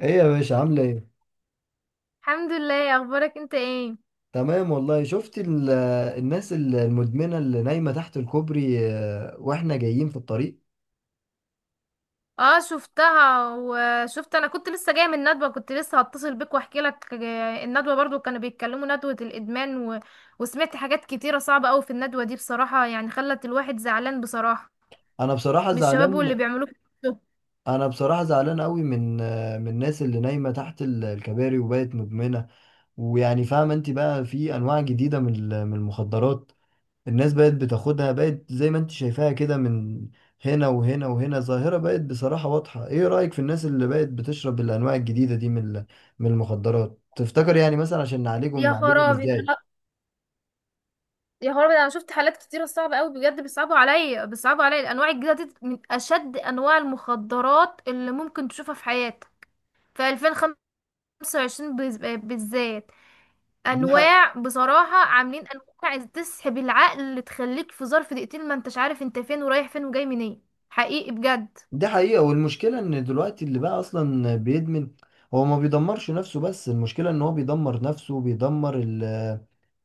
ايه يا باشا؟ عامله ايه؟ الحمد لله. إيه اخبارك انت؟ ايه تمام والله. شفت الناس المدمنه اللي نايمه تحت الكوبري واحنا جايين في الطريق. اه، شفتها وشفت. انا كنت لسه جايه من ندوه، كنت لسه هتصل بيك واحكي لك. الندوه برضو كانوا بيتكلموا ندوه الادمان وسمعت حاجات كتيره صعبه قوي في الندوه دي بصراحه، يعني خلت الواحد زعلان بصراحه انا بصراحه من الشباب واللي زعلان. بيعملوه في نفسهم. انا بصراحه زعلان قوي من من الناس اللي نايمه تحت الكباري وبقت مدمنه. ويعني فاهمه انت، بقى في انواع جديده من من المخدرات. الناس بقت بتاخدها، بقت زي ما انت شايفاها كده، من هنا وهنا وهنا. ظاهرة بقت بصراحة واضحة. ايه رأيك في الناس اللي بقت بتشرب الانواع الجديدة دي من من المخدرات؟ تفتكر يعني مثلا عشان نعالجهم، يا نعالجهم خرابي ده ازاي؟ أنا- يا خرابي، ده انا شفت حالات كتيره صعبه قوي بجد، بيصعبوا عليا الانواع الجديده دي، من اشد انواع المخدرات اللي ممكن تشوفها في حياتك في 2025 بالذات. دي حق، انواع بصراحة، عاملين انواع تسحب العقل، تخليك في ظرف دقيقتين ما انتش عارف انت فين ورايح فين وجاي منين. حقيقي بجد. دي حقيقة. والمشكلة ان دلوقتي اللي بقى اصلا بيدمن هو ما بيدمرش نفسه بس، المشكلة ان هو بيدمر نفسه، بيدمر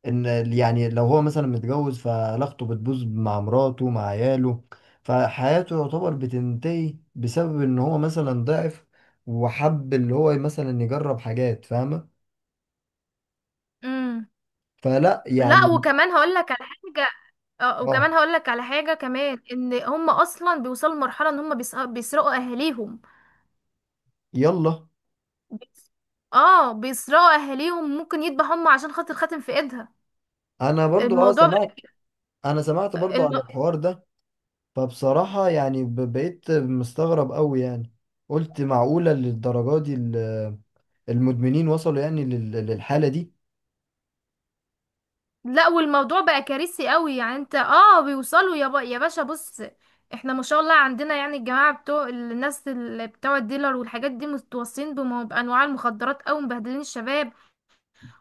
ان يعني لو هو مثلا متجوز، فعلاقته بتبوظ مع مراته، مع عياله، فحياته يعتبر بتنتهي بسبب ان هو مثلا ضعف وحب اللي هو مثلا يجرب حاجات. فاهمة؟ امم فلا لا يعني. وكمان هقول لك على حاجة. اه اه، وكمان هقول لك على حاجة كمان، ان هم اصلا بيوصلوا لمرحلة ان هم بيسرقوا اهاليهم. يلا. بيس- اه بيسرقوا اهاليهم، ممكن يذبحوا هم عشان خاطر خاتم في ايدها. انا برضو اه الموضوع سمعت، انا سمعت برضو على بقى- الحوار ده. فبصراحة يعني بقيت مستغرب قوي يعني. قلت معقولة للدرجة دي المدمنين وصلوا يعني للحالة دي؟ لا والموضوع بقى كارثي قوي، يعني انت اه، بيوصلوا، يا باشا، بص. احنا ما شاء الله عندنا، يعني الجماعة بتوع الناس اللي بتوع الديلر والحاجات دي متوصين بأنواع المخدرات، او مبهدلين الشباب،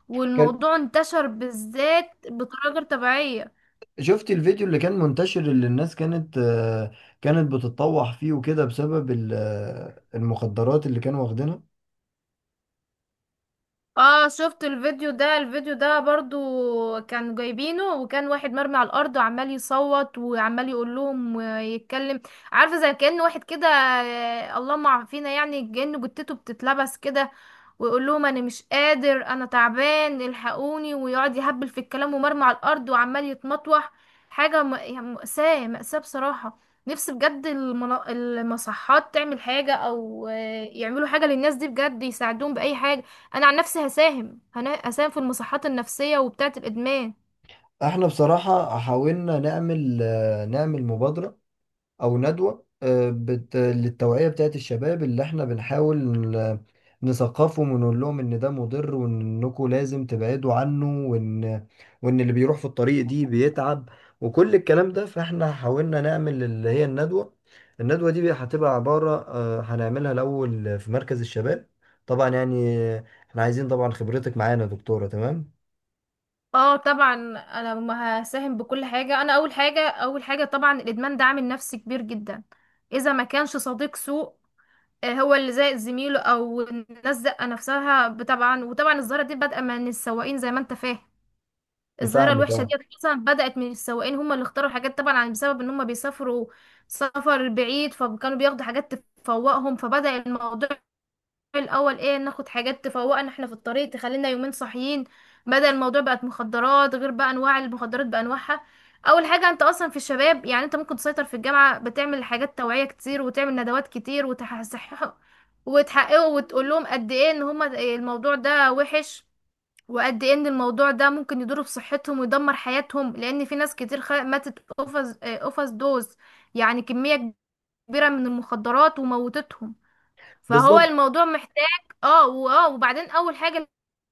والموضوع انتشر بالذات بطريقة غير طبيعية. شفت الفيديو اللي كان منتشر، اللي الناس كانت كانت بتتطوح فيه وكده بسبب المخدرات اللي كانوا واخدينها. اه شفت الفيديو ده. الفيديو ده برضو كان جايبينه، وكان واحد مرمي على الارض وعمال يصوت وعمال يقول لهم ويتكلم. عارفه، زي كأن واحد كده، اللهم عافينا، يعني كأنه جتته بتتلبس كده، ويقول لهم انا مش قادر انا تعبان الحقوني، ويقعد يهبل في الكلام ومرمي على الارض وعمال يتمطوح. يعني مأساة مأساة بصراحه. نفسي بجد المصحات تعمل حاجه، او يعملوا حاجه للناس دي بجد، يساعدوهم بأي حاجه. انا عن نفسي هساهم هساهم في المصحات النفسية وبتاعة الادمان. احنا بصراحة حاولنا نعمل، نعمل مبادرة او ندوه للتوعيه بتاعت الشباب، اللي احنا بنحاول نثقفهم ونقول لهم ان ده مضر، وانكم لازم تبعدوا عنه، وان اللي بيروح في الطريق دي بيتعب. وكل الكلام ده، فاحنا حاولنا نعمل اللي هي الندوه. الندوه دي هتبقى عباره هنعملها الاول في مركز الشباب. طبعا يعني احنا عايزين طبعا خبرتك معانا يا دكتوره. تمام، اه طبعا، انا ما هساهم بكل حاجة. انا اول حاجة، اول حاجة طبعا الادمان ده عامل نفسي كبير جدا، اذا ما كانش صديق سوء، هو اللي زائد زميله، او الناس زقة نفسها طبعا. وطبعا الظاهرة دي بادئة من السواقين، زي ما انت فاهم. الظاهرة نفهمك. الوحشة دي اه اصلا بدأت من السواقين، هم اللي اختاروا حاجات طبعا، بسبب ان هم بيسافروا سفر بعيد، فكانوا بياخدوا حاجات تفوقهم. فبدأ الموضوع الاول ايه، ناخد حاجات تفوقنا احنا في الطريق تخلينا يومين صاحيين، بدل الموضوع بقت مخدرات. غير بقى انواع المخدرات بانواعها. اول حاجه انت اصلا في الشباب، يعني انت ممكن تسيطر في الجامعه، بتعمل حاجات توعيه كتير وتعمل ندوات كتير وتصححوا وتحققوا وتقول لهم قد ايه ان هما الموضوع ده وحش، وقد ايه ان الموضوع ده ممكن يضر بصحتهم ويدمر حياتهم، لان في ناس كتير ماتت اوفر دوز، يعني كميه كبيره من المخدرات وموتتهم. فهو بالظبط. الموضوع محتاج. اه واه، وبعدين اول حاجة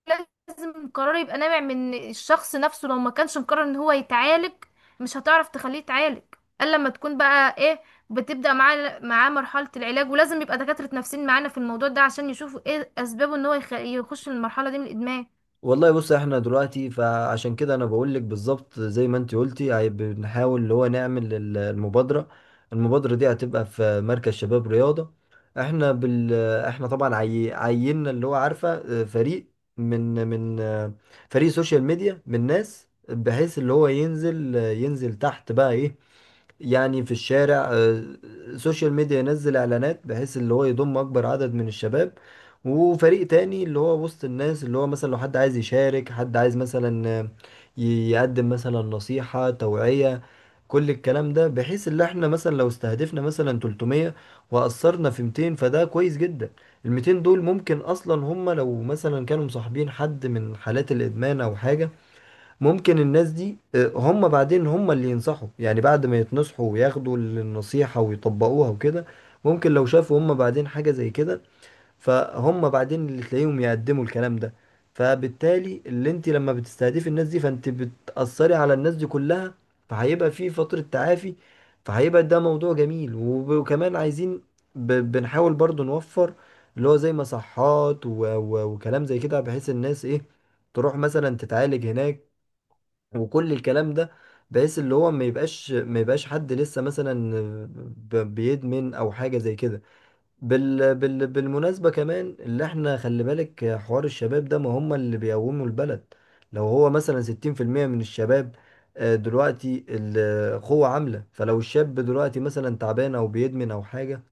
لازم القرار يبقى نابع من الشخص نفسه، لو ما كانش مقرر ان هو يتعالج، مش هتعرف تخليه يتعالج، الا لما تكون بقى ايه، بتبدأ معاه مرحلة العلاج. ولازم يبقى دكاترة نفسيين معانا في الموضوع ده، عشان يشوفوا ايه اسبابه ان هو يخش المرحلة دي من الادمان. والله بص، احنا دلوقتي فعشان كده انا بقول لك بالظبط زي ما انت قلتي. بنحاول اللي هو نعمل المبادرة. المبادرة دي هتبقى في مركز شباب رياضة. احنا احنا طبعا عيننا اللي هو عارفة، اه، فريق، من اه، فريق سوشيال ميديا من ناس، بحيث اللي هو ينزل تحت بقى ايه، يعني في الشارع، سوشيال ميديا، ينزل اعلانات بحيث اللي هو يضم اكبر عدد من الشباب. وفريق تاني اللي هو وسط الناس، اللي هو مثلا لو حد عايز يشارك، حد عايز مثلا يقدم مثلا نصيحة توعية. كل الكلام ده، بحيث اللي احنا مثلا لو استهدفنا مثلا 300 وأثرنا في 200، فده كويس جدا. ال 200 دول ممكن اصلا هم لو مثلا كانوا مصاحبين حد من حالات الادمان او حاجة، ممكن الناس دي هم بعدين هم اللي ينصحوا، يعني بعد ما يتنصحوا وياخدوا النصيحة ويطبقوها وكده، ممكن لو شافوا هم بعدين حاجة زي كده، فهم بعدين اللي تلاقيهم يقدموا الكلام ده. فبالتالي اللي انت لما بتستهدفي الناس دي، فانت بتأثري على الناس دي كلها، فهيبقى في فترة تعافي. فهيبقى ده موضوع جميل. وكمان عايزين، بنحاول برضو نوفر اللي هو زي مصحات وكلام زي كده، بحيث الناس ايه، تروح مثلا تتعالج هناك وكل الكلام ده، بحيث اللي هو ما يبقاش حد لسه مثلا بيدمن او حاجه زي كده. بالمناسبه، كمان اللي احنا خلي بالك، حوار الشباب ده، ما هم اللي بيقوموا البلد. لو هو مثلا 60% من الشباب دلوقتي القوة عاملة، فلو الشاب دلوقتي مثلا تعبان او بيدمن او حاجة،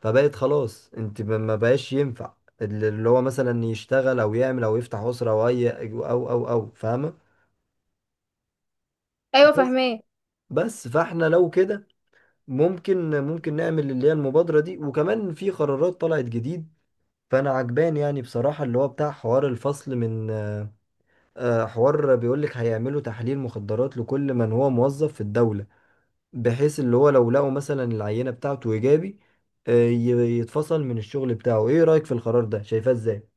فبقت خلاص، انت ما بقاش ينفع اللي هو مثلا يشتغل او يعمل او يفتح اسرة او اي او فاهمة؟ ايوه فاهمه. بس فاحنا لو كده، ممكن نعمل اللي هي المبادرة دي. وكمان في قرارات طلعت جديد، فانا عجبان يعني بصراحة اللي هو بتاع حوار الفصل من حوار بيقولك هيعملوا تحليل مخدرات لكل من هو موظف في الدولة، بحيث اللي هو لو لقوا مثلا العينة بتاعته ايجابي، يتفصل من الشغل بتاعه. ايه رأيك في القرار ده؟ شايفاه ازاي؟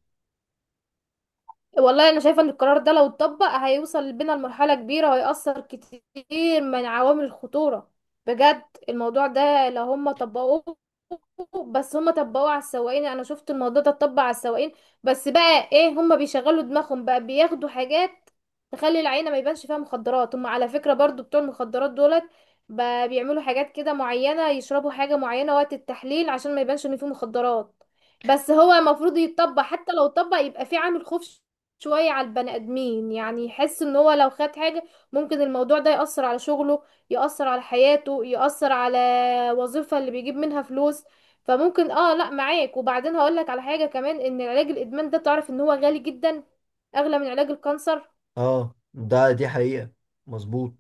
والله انا شايفه ان القرار ده لو اتطبق هيوصل بينا لمرحله كبيره، وهيأثر كتير من عوامل الخطوره بجد. الموضوع ده لو هم طبقوه، بس هم طبقوه على السواقين. انا شفت الموضوع ده اتطبق على السواقين، بس بقى ايه، هم بيشغلوا دماغهم بقى بياخدوا حاجات تخلي العينه ما يبانش فيها مخدرات. هم على فكره برضو بتوع المخدرات دولت بقى بيعملوا حاجات كده معينه، يشربوا حاجه معينه وقت التحليل عشان ما يبانش ان فيه مخدرات. بس هو المفروض يتطبق، حتى لو اتطبق يبقى في عامل خوف شوية على البني آدمين، يعني يحس ان هو لو خد حاجة ممكن الموضوع ده يأثر على شغله، يأثر على حياته، يأثر على وظيفة اللي بيجيب منها فلوس. فممكن اه، لا معاك. وبعدين هقولك على حاجة كمان، ان علاج الإدمان ده تعرف ان هو غالي جدا، أغلى من علاج الكانسر. اه ده دي حقيقة، مظبوط.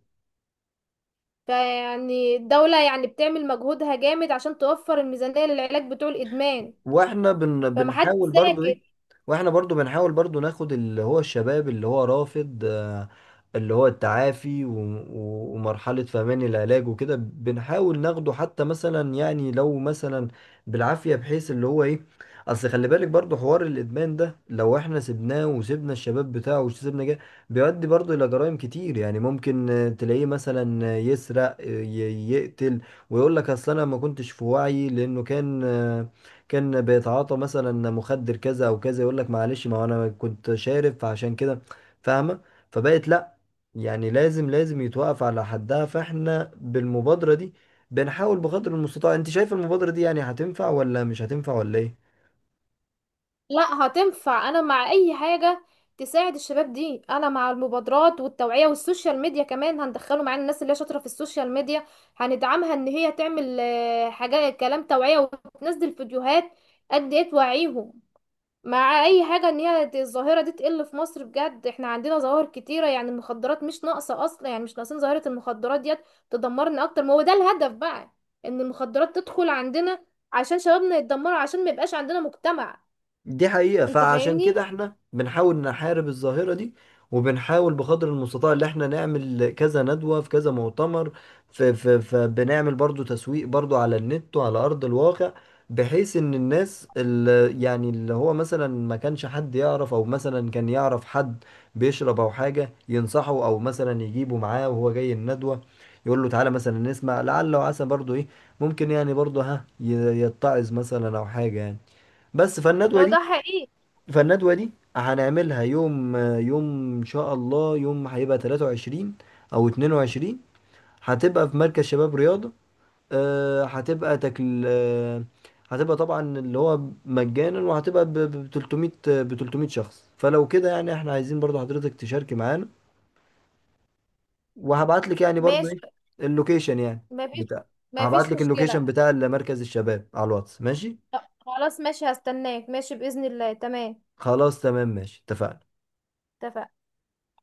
فيعني الدولة يعني بتعمل مجهودها جامد عشان توفر الميزانية للعلاج بتوع الإدمان، واحنا فمحدش بنحاول برضو ايه، ساكت. واحنا برضو بنحاول برضو ناخد اللي هو الشباب اللي هو رافض اللي هو التعافي ومرحلة فهمان العلاج وكده، بنحاول ناخده حتى مثلا يعني لو مثلا بالعافية، بحيث اللي هو ايه، اصل خلي بالك برضو، حوار الادمان ده لو احنا سيبناه وسيبنا الشباب بتاعه وسيبنا جه، بيؤدي برضو الى جرائم كتير. يعني ممكن تلاقيه مثلا يسرق، يقتل، ويقول لك اصل انا ما كنتش في وعي لانه كان كان بيتعاطى مثلا مخدر كذا او كذا، يقول لك معلش ما هو انا كنت شارب فعشان كده. فاهمه؟ فبقت لا، يعني لازم يتوقف على حدها. فاحنا بالمبادره دي بنحاول بقدر المستطاع. انت شايف المبادره دي يعني هتنفع ولا مش هتنفع ولا ايه؟ لا هتنفع، انا مع اي حاجة تساعد الشباب دي. انا مع المبادرات والتوعية والسوشيال ميديا كمان، هندخله معانا الناس اللي هي شاطرة في السوشيال ميديا، هندعمها ان هي تعمل حاجات، كلام توعية وتنزل فيديوهات قد ايه توعيهم. مع اي حاجة ان هي الظاهرة دي تقل في مصر بجد. احنا عندنا ظواهر كتيرة يعني، المخدرات مش ناقصة اصلا، يعني مش ناقصين ظاهرة المخدرات ديت تدمرنا اكتر. ما هو ده الهدف بقى، ان المخدرات تدخل عندنا عشان شبابنا يتدمروا، عشان ما يبقاش عندنا مجتمع. دي حقيقة، انت فعشان فاهمني؟ كده احنا بنحاول نحارب الظاهرة دي، وبنحاول بقدر المستطاع اللي احنا نعمل كذا ندوة في كذا مؤتمر. فبنعمل برضو تسويق برضو على النت وعلى أرض الواقع، بحيث ان الناس اللي يعني اللي هو مثلا ما كانش حد يعرف، او مثلا كان يعرف حد بيشرب او حاجة، ينصحه او مثلا يجيبه معاه وهو جاي الندوة، يقول له تعالى مثلا نسمع لعل وعسى برضو ايه، ممكن يعني برضو ها يتعظ مثلا او حاجة يعني. بس فالندوة لا دي، ده حقيقي. فالندوة دي هنعملها يوم، يوم إن شاء الله، يوم هيبقى 23 أو 22. هتبقى في مركز شباب رياضة. هتبقى تكل آه، هتبقى طبعا اللي هو مجانا، وهتبقى ب 300، ب 300 شخص. فلو كده يعني احنا عايزين برضو حضرتك تشاركي معانا، وهبعت لك يعني برضو ايه، ماشي. اللوكيشن يعني مفيش بتاع، هبعت مفيش لك اللوكيشن مشكلة. بتاع مركز الشباب على الواتس. ماشي؟ طب خلاص، ماشي هستناك، ماشي بإذن الله. تمام. خلاص تمام، ماشي، اتفقنا. اتفقنا.